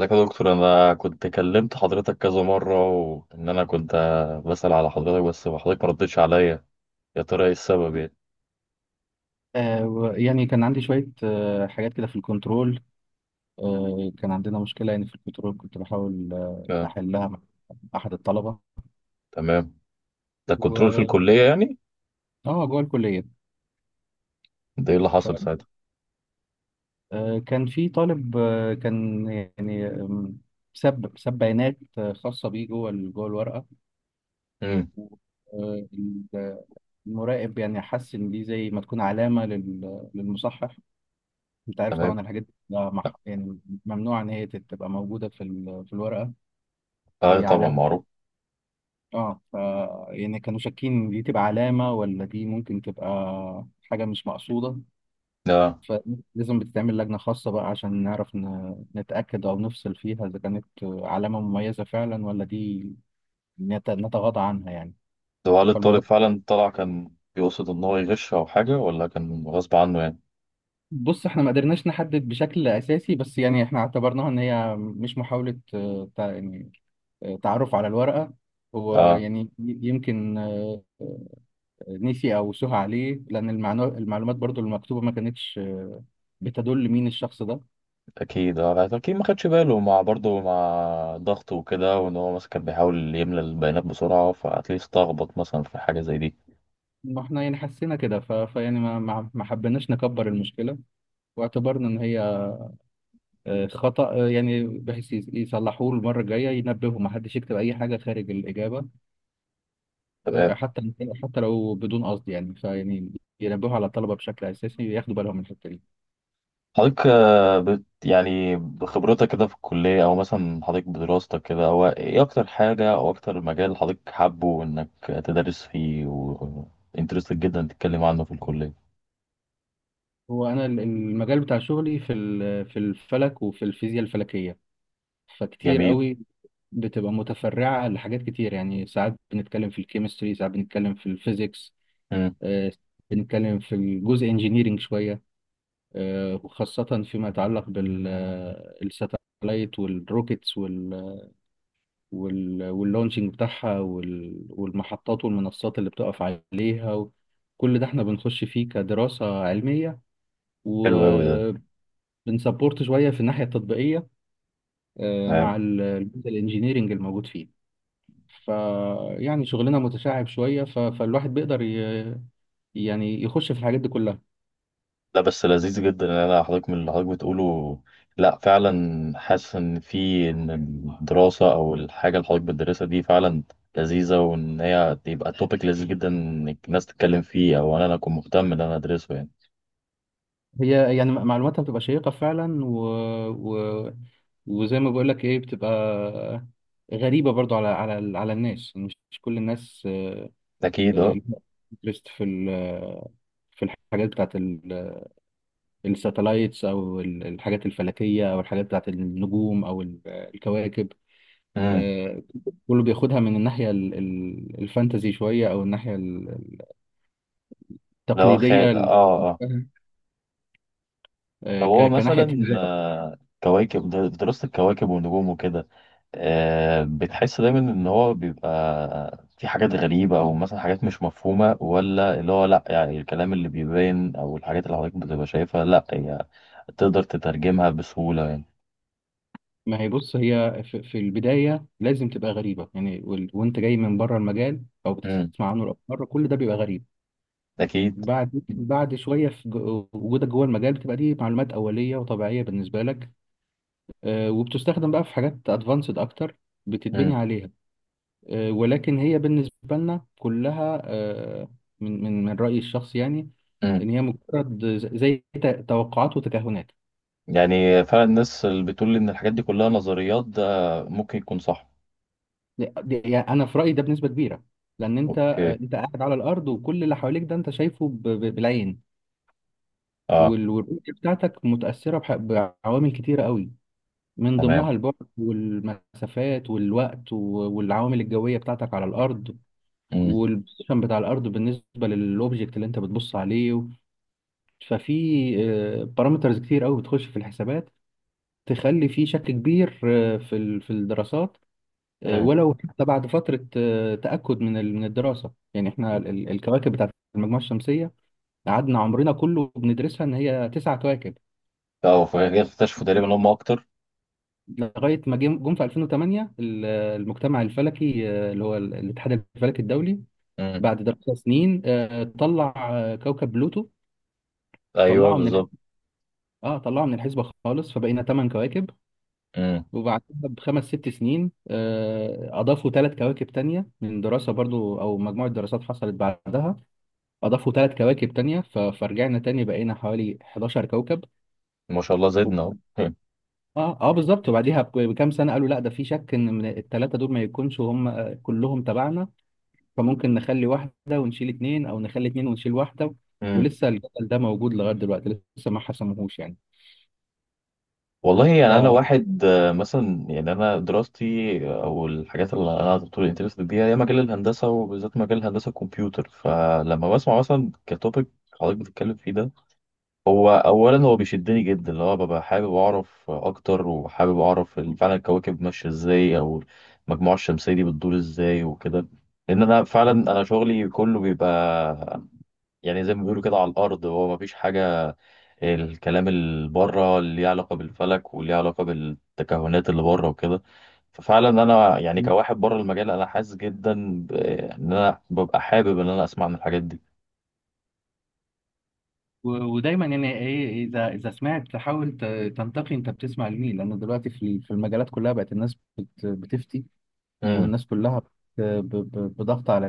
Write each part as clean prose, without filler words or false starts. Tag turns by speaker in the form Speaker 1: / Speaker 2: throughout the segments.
Speaker 1: ازيك يا دكتور، انا كنت كلمت حضرتك كذا مره، وان انا كنت بسأل على حضرتك، بس حضرتك ما ردتش عليا. يا ترى ايه السبب يعني؟
Speaker 2: كان عندي شوية حاجات كده في الكنترول. كان عندنا مشكلة يعني في الكنترول، كنت بحاول
Speaker 1: آه.
Speaker 2: أحلها مع أحد الطلبة
Speaker 1: تمام. ده كنترول في
Speaker 2: و
Speaker 1: الكليه يعني؟
Speaker 2: آه جوه الكلية.
Speaker 1: ده ايه اللي حصل
Speaker 2: ف-
Speaker 1: ساعتها؟
Speaker 2: كان في طالب كان يعني ساب بيانات خاصة بيه جوه جوه الورقة.
Speaker 1: امم.
Speaker 2: آه، ال- المراقب يعني حس إن دي زي ما تكون علامة للمصحح. أنت عارف
Speaker 1: تمام.
Speaker 2: طبعا الحاجات دي لا مح- يعني ممنوع إن هي تبقى موجودة في في الورقة،
Speaker 1: اه،
Speaker 2: هي
Speaker 1: طبعا
Speaker 2: علامة.
Speaker 1: معروف.
Speaker 2: اه ف يعني كانوا شاكين دي تبقى علامة، ولا دي ممكن تبقى حاجة مش مقصودة.
Speaker 1: ده
Speaker 2: فلازم بتتعمل لجنة خاصة بقى عشان نعرف نتأكد أو نفصل فيها، إذا كانت علامة مميزة فعلا ولا دي نتغاضى عنها يعني.
Speaker 1: ده هل الطالب
Speaker 2: فالموضوع
Speaker 1: فعلا طلع كان بيقصد ان هو يغش او حاجه، ولا كان غصب عنه يعني؟
Speaker 2: بص، احنا ما قدرناش نحدد بشكل أساسي، بس يعني احنا اعتبرناها إن هي مش محاولة تعرف على الورقة. هو
Speaker 1: اه
Speaker 2: يعني يمكن نسي او سهى عليه، لان المعلومات برضو المكتوبه ما كانتش بتدل مين الشخص ده.
Speaker 1: اكيد، اه اكيد ما خدش باله، مع برضه مع ضغط وكده، وان هو مثلا كان بيحاول يملى البيانات بسرعه فاتليست اتلخبط مثلا في حاجه زي دي.
Speaker 2: ما احنا يعني حسينا كده ف... فيعني ما ما ما حبيناش نكبر المشكله، واعتبرنا ان هي خطأ يعني، بحيث يصلحوه المره الجايه، ينبهوا ما حدش يكتب اي حاجه خارج الاجابه،
Speaker 1: تمام.
Speaker 2: حتى حتى لو بدون قصد يعني. ينبهوا على الطلبه بشكل اساسي، ياخدوا بالهم من الحته دي.
Speaker 1: حضرتك، آه، بت يعني بخبرتك كده في الكلية، أو مثلا حضرتك بدراستك كده، هو إيه أكتر حاجة أو أكتر مجال حضرتك حابه إنك تدرس فيه وإنترستد جدا تتكلم عنه في الكلية؟
Speaker 2: هو انا المجال بتاع شغلي في في الفلك وفي الفيزياء الفلكيه، فكتير
Speaker 1: جميل.
Speaker 2: قوي بتبقى متفرعة لحاجات كتير. يعني ساعات بنتكلم في الكيمستري، ساعات بنتكلم في الفيزيكس،
Speaker 1: مم.
Speaker 2: آه، بنتكلم في الجزء انجينيرينج شوية، وخاصة فيما يتعلق بالساتلايت والروكيتس واللونشنج بتاعها والمحطات والمنصات اللي بتقف عليها كل ده احنا بنخش فيه كدراسة علمية.
Speaker 1: حلو أوي ده.
Speaker 2: وبنسبورت شوية في الناحية التطبيقية، مع
Speaker 1: تمام.
Speaker 2: الجزء الانجينيرينج الموجود فيه. ف يعني شغلنا متشعب شوية، فالواحد بيقدر يعني يخش في الحاجات دي كلها.
Speaker 1: لا، بس لذيذ جدا إن أنا حضرتك من اللي حضرتك بتقوله. لا فعلا حاسس إن في إن الدراسة أو الحاجة اللي حضرتك بتدرسها دي فعلا لذيذة، وإن هي تبقى توبيك لذيذ جدا إنك الناس تتكلم فيه، أو إن أنا أكون مهتم إن أنا أدرسه يعني.
Speaker 2: هي يعني معلوماتها بتبقى شيقة فعلا و... وزي ما بقول لك ايه، بتبقى غريبة برضو على الناس، مش كل الناس
Speaker 1: أكيد أه.
Speaker 2: انترست في في الحاجات بتاعت الساتلايتس، او الحاجات الفلكية، او الحاجات بتاعت النجوم، او الكواكب.
Speaker 1: امم.
Speaker 2: آه، كله بياخدها من الناحية الفانتزي شوية، أو الناحية
Speaker 1: لو
Speaker 2: التقليدية
Speaker 1: خال، اه، اه. طب هو
Speaker 2: كناحية
Speaker 1: مثلا،
Speaker 2: تجارة.
Speaker 1: كواكب دراسة الكواكب والنجوم وكده، بتحس دايما ان هو بيبقى في حاجات غريبة او مثلا حاجات مش مفهومة، ولا اللي هو لا يعني الكلام اللي بيبان او الحاجات اللي حضرتك بتبقى شايفها لا هي تقدر تترجمها بسهولة يعني؟
Speaker 2: ما هي بص، هي في في البداية لازم تبقى غريبة يعني، وأنت جاي من بره المجال أو
Speaker 1: امم،
Speaker 2: بتسمع عنه لأول مرة، كل ده بيبقى غريب.
Speaker 1: اكيد.
Speaker 2: بعد شوية في وجودك جوه المجال، بتبقى دي معلومات أولية وطبيعية بالنسبة لك، وبتستخدم بقى في حاجات أدفانسد أكتر، بتتبني
Speaker 1: امم،
Speaker 2: عليها. ولكن هي بالنسبة لنا كلها من رأيي الشخصي يعني،
Speaker 1: امم.
Speaker 2: إن هي مجرد زي توقعات وتكهنات.
Speaker 1: يعني فعلا الناس اللي بتقول ان الحاجات دي كلها نظريات، ده ممكن يكون صح.
Speaker 2: يعني أنا في رأيي ده بنسبة كبيرة، لأن أنت
Speaker 1: اوكي.
Speaker 2: أنت قاعد على الأرض، وكل اللي حواليك ده أنت شايفه بالعين.
Speaker 1: اه.
Speaker 2: والرؤية بتاعتك متأثرة بعوامل كتيرة قوي، من
Speaker 1: تمام.
Speaker 2: ضمنها البعد والمسافات والوقت والعوامل الجوية بتاعتك على الأرض، والبوزيشن بتاع الأرض بالنسبة للأوبجكت اللي أنت بتبص عليه. ففي بارامترز كتير قوي بتخش في الحسابات، تخلي في شك كبير في في الدراسات.
Speaker 1: امم.
Speaker 2: ولو حتى بعد فترة تأكد من من الدراسة، يعني احنا الكواكب بتاعت المجموعة الشمسية قعدنا عمرنا كله بندرسها ان هي تسع كواكب،
Speaker 1: اه، فكده اكتشفوا تقريبا ان هم اكتر.
Speaker 2: لغاية ما جم في 2008 المجتمع الفلكي، الاتحاد الفلكي الدولي،
Speaker 1: امم.
Speaker 2: بعد دراسة سنين طلع كوكب بلوتو،
Speaker 1: ايوه
Speaker 2: طلعه من الح...
Speaker 1: بالظبط.
Speaker 2: اه طلعه من الحسبة خالص، فبقينا ثمان كواكب.
Speaker 1: امم.
Speaker 2: وبعدها بخمس ست سنين أضافوا ثلاث كواكب تانية من دراسة برضو أو مجموعة دراسات حصلت بعدها، أضافوا ثلاث كواكب تانية، فرجعنا تاني بقينا حوالي 11 كوكب
Speaker 1: ما شاء الله
Speaker 2: و-
Speaker 1: زدنا اهو.
Speaker 2: اه اه بالظبط. بكام سنة قالوا لا، ده في شك إن من الثلاثة دول ما يكونش هم كلهم تبعنا، فممكن نخلي واحدة ونشيل اتنين، أو نخلي اتنين ونشيل واحدة،
Speaker 1: امم.
Speaker 2: ولسه الجدل ده موجود لغاية دلوقتي، لسه ما حسموهوش يعني.
Speaker 1: والله،
Speaker 2: ف
Speaker 1: يعني انا واحد، مثلا يعني انا دراستي او الحاجات اللي انا على طول انترست بيها، هي مجال الهندسه، وبالذات مجال هندسه الكمبيوتر. فلما بسمع مثلا كتوبيك حضرتك بتتكلم فيه ده، هو اولا هو بيشدني جدا، اللي هو ببقى حابب اعرف اكتر، وحابب اعرف فعلا الكواكب ماشيه ازاي، او المجموعه الشمسيه دي بتدور ازاي وكده. لان انا فعلا انا شغلي كله بيبقى يعني زي ما بيقولوا كده على الارض، هو ما فيش حاجه. الكلام اللي بره اللي ليه علاقه بالفلك واللي ليه علاقه بالتكهنات اللي بره وكده، ففعلا انا يعني كواحد بره المجال انا حاسس جدا ان انا ببقى حابب ان انا اسمع عن الحاجات دي.
Speaker 2: و- ودايما يعني ايه، اذا سمعت تحاول تنتقي انت بتسمع لمين، لان دلوقتي في في المجالات كلها بقت الناس بتفتي،
Speaker 1: امم.
Speaker 2: والناس كلها بضغط على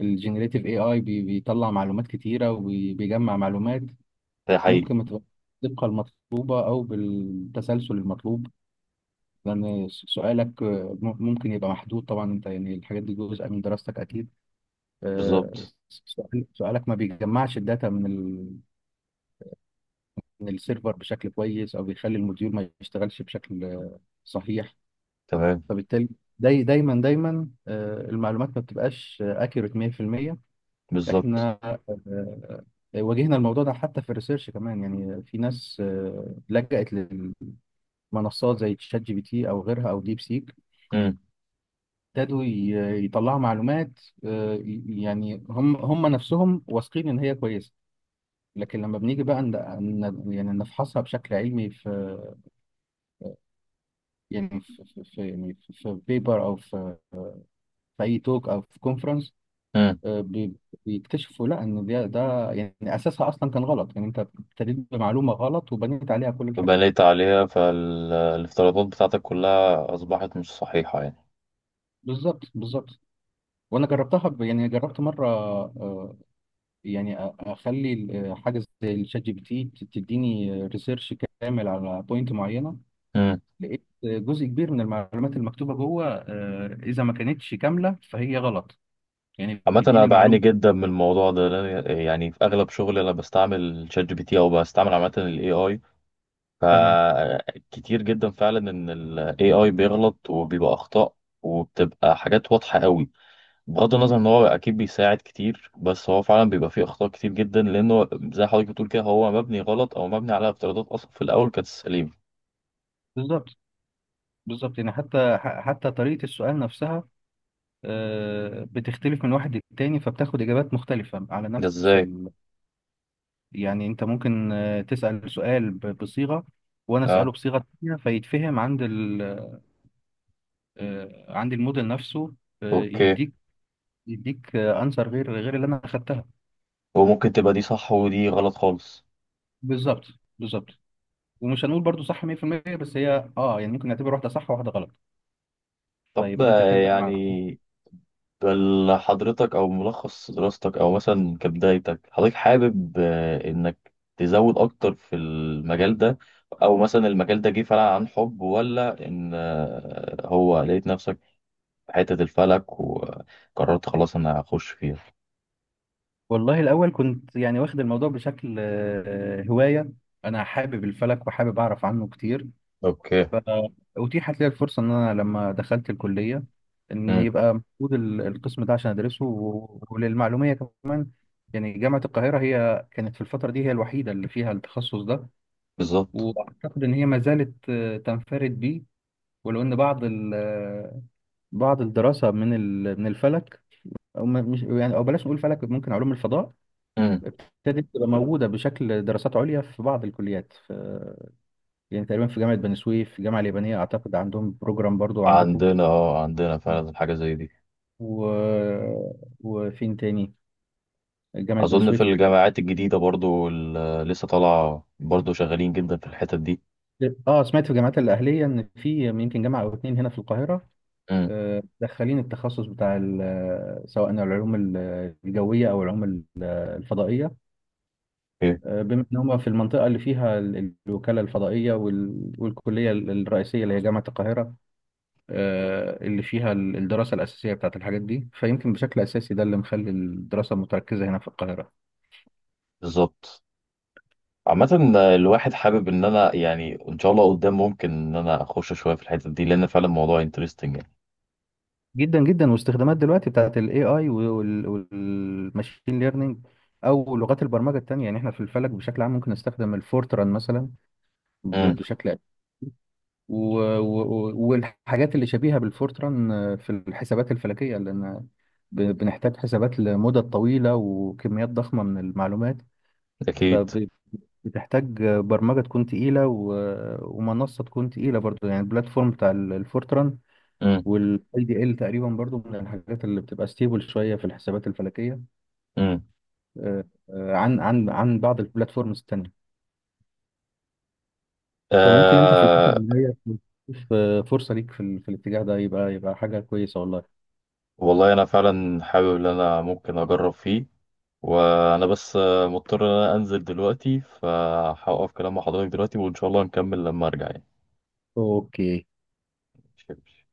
Speaker 2: الجنريتيف اي بيطلع معلومات كتيره وبيجمع معلومات،
Speaker 1: ده حقيقي.
Speaker 2: ممكن ما تبقاش بالدقه المطلوبه او بالتسلسل المطلوب. لان سؤالك ممكن يبقى محدود، طبعا انت يعني الحاجات دي جزء من دراستك اكيد.
Speaker 1: بالظبط.
Speaker 2: سؤالك ما بيجمعش الداتا من السيرفر بشكل كويس، او بيخلي الموديول ما يشتغلش بشكل صحيح.
Speaker 1: تمام.
Speaker 2: فبالتالي دايما المعلومات ما بتبقاش اكيوريت 100%.
Speaker 1: بالظبط.
Speaker 2: احنا واجهنا الموضوع ده حتى في الريسيرش كمان، يعني في ناس لجأت لمنصات زي تشات جي بي تي او غيرها او ديب سيك،
Speaker 1: امم،
Speaker 2: ابتدوا يطلعوا معلومات، يعني هم نفسهم واثقين ان هي كويسه. لكن لما بنيجي بقى يعني نفحصها بشكل علمي في بيبر، او في اي توك، او في كونفرنس،
Speaker 1: امم.
Speaker 2: آه، بي- بيكتشفوا لا، ان ده يعني اساسها اصلا كان غلط، يعني انت ابتديت بمعلومه غلط وبنيت عليها كل الحاجات.
Speaker 1: بنيت عليها، فالافتراضات بتاعتك كلها اصبحت مش صحيحه.
Speaker 2: بالظبط بالظبط، وانا جربتها يعني جربت مره يعني اخلي حاجه زي الشات جي بي تي تديني ريسيرش كامل على بوينت معينه،
Speaker 1: يعني
Speaker 2: لقيت جزء كبير من المعلومات المكتوبه جوه، اذا ما كانتش كامله فهي غلط، يعني
Speaker 1: عامة أنا
Speaker 2: بيديني
Speaker 1: بعاني
Speaker 2: المعلومه.
Speaker 1: جدا من الموضوع ده، لأن يعني في أغلب شغلي أنا بستعمل شات جي بي تي، أو بستعمل عامة ال AI،
Speaker 2: تمام
Speaker 1: فكتير جدا فعلا إن ال AI بيغلط وبيبقى أخطاء، وبتبقى حاجات واضحة قوي. بغض النظر إن هو أكيد بيساعد كتير، بس هو فعلا بيبقى فيه أخطاء كتير جدا، لأنه زي حضرتك بتقول كده هو مبني غلط، أو مبني على افتراضات أصلا في الأول كانت سليمة.
Speaker 2: بالظبط بالظبط، يعني حتى حتى طريقة السؤال نفسها بتختلف من واحد للتاني، فبتاخد إجابات مختلفة على
Speaker 1: ده
Speaker 2: نفس
Speaker 1: إزاي؟
Speaker 2: يعني أنت ممكن تسأل سؤال بصيغة، وأنا
Speaker 1: أه.
Speaker 2: أسأله بصيغة تانية، فيتفهم عند ال... آه، عند الموديل نفسه آه،
Speaker 1: أوكي.
Speaker 2: يديك يديك أنسر غير اللي أنا أخدتها.
Speaker 1: وممكن تبقى دي صح، ودي غلط خالص.
Speaker 2: بالظبط بالظبط، ومش هنقول برضو صح 100%، بس هي أه يعني ممكن نعتبر واحدة صح وواحدة غلط،
Speaker 1: طب،
Speaker 2: فيبقى أنت كده مع.
Speaker 1: يعني بل حضرتك، او ملخص دراستك، او مثلا كبدايتك، حضرتك حابب انك تزود اكتر في المجال ده، او مثلا المجال ده جه فعلا عن حب، ولا ان هو لقيت نفسك في حتة الفلك وقررت خلاص انا هخش فيها؟
Speaker 2: والله الأول كنت يعني واخد الموضوع بشكل هواية، أنا حابب الفلك وحابب أعرف عنه كتير.
Speaker 1: اوكي.
Speaker 2: فأتيحت لي الفرصة إن أنا لما دخلت الكلية إن
Speaker 1: امم.
Speaker 2: يبقى موجود القسم ده عشان أدرسه. وللمعلومية كمان، يعني جامعة القاهرة هي كانت في الفترة دي هي الوحيدة اللي فيها التخصص ده،
Speaker 1: بالظبط.
Speaker 2: وأعتقد إن هي ما زالت تنفرد بيه، ولو إن بعض الدراسة من الفلك، أو ما- مش يعني أو بلاش نقول فلك، ممكن علوم الفضاء
Speaker 1: امم.
Speaker 2: ابتدت تبقى موجودة بشكل دراسات عليا في بعض الكليات، يعني تقريبا في جامعة بني سويف، في الجامعة اليابانية أعتقد عندهم بروجرام، برضو عندكم
Speaker 1: عندنا فعلا حاجة زي دي.
Speaker 2: و... وفين تاني، جامعة بني
Speaker 1: اظن في
Speaker 2: سويف.
Speaker 1: الجامعات الجديدة برضو اللي لسه طالعة برضو شغالين جدا في الحتت دي.
Speaker 2: اه سمعت في الجامعات الأهلية إن في يمكن جامعة أو اتنين هنا في القاهرة
Speaker 1: امم.
Speaker 2: دخلين التخصص بتاع سواء العلوم الجوية أو العلوم الفضائية،
Speaker 1: ايه
Speaker 2: بما إن هما في المنطقة اللي فيها الوكالة الفضائية والكلية الرئيسية اللي هي جامعة القاهرة، اللي فيها الدراسة الأساسية بتاعت الحاجات دي، فيمكن بشكل أساسي ده اللي مخلي الدراسة متركزة هنا في القاهرة.
Speaker 1: بالظبط. عامة، الواحد حابب ان انا يعني ان شاء الله قدام ممكن ان انا اخش شوية في الحتة دي، لان فعلا الموضوع انترستنج يعني.
Speaker 2: جدا جدا، واستخدامات دلوقتي بتاعت ال AI والماشين ليرنينج أو لغات البرمجة التانية، يعني احنا في الفلك بشكل عام ممكن نستخدم الفورتران مثلا
Speaker 1: امم،
Speaker 2: بشكل أساسي، والحاجات اللي شبيهة بالفورتران في الحسابات الفلكية، لأن بنحتاج حسابات لمدة طويلة وكميات ضخمة من المعلومات،
Speaker 1: اكيد.
Speaker 2: فبتحتاج برمجة تكون تقيلة ومنصة تكون تقيلة برضو، يعني البلاتفورم بتاع الفورتران
Speaker 1: امم،
Speaker 2: والاي دي ال تقريبا برضو من الحاجات اللي بتبقى ستيبل شوية في الحسابات الفلكية
Speaker 1: امم،
Speaker 2: آه، عن بعض البلاتفورمز التانية. فممكن انت في الفترة
Speaker 1: آه.
Speaker 2: الجاية تشوف فرصة ليك في في الاتجاه ده، يبقى حاجة كويسة والله.
Speaker 1: والله انا فعلا حابب ان انا ممكن اجرب فيه، وانا بس مضطر ان انا انزل دلوقتي، فهوقف كلام مع حضرتك دلوقتي، وان شاء الله نكمل لما ارجع يعني.
Speaker 2: اوكي.
Speaker 1: ماشي.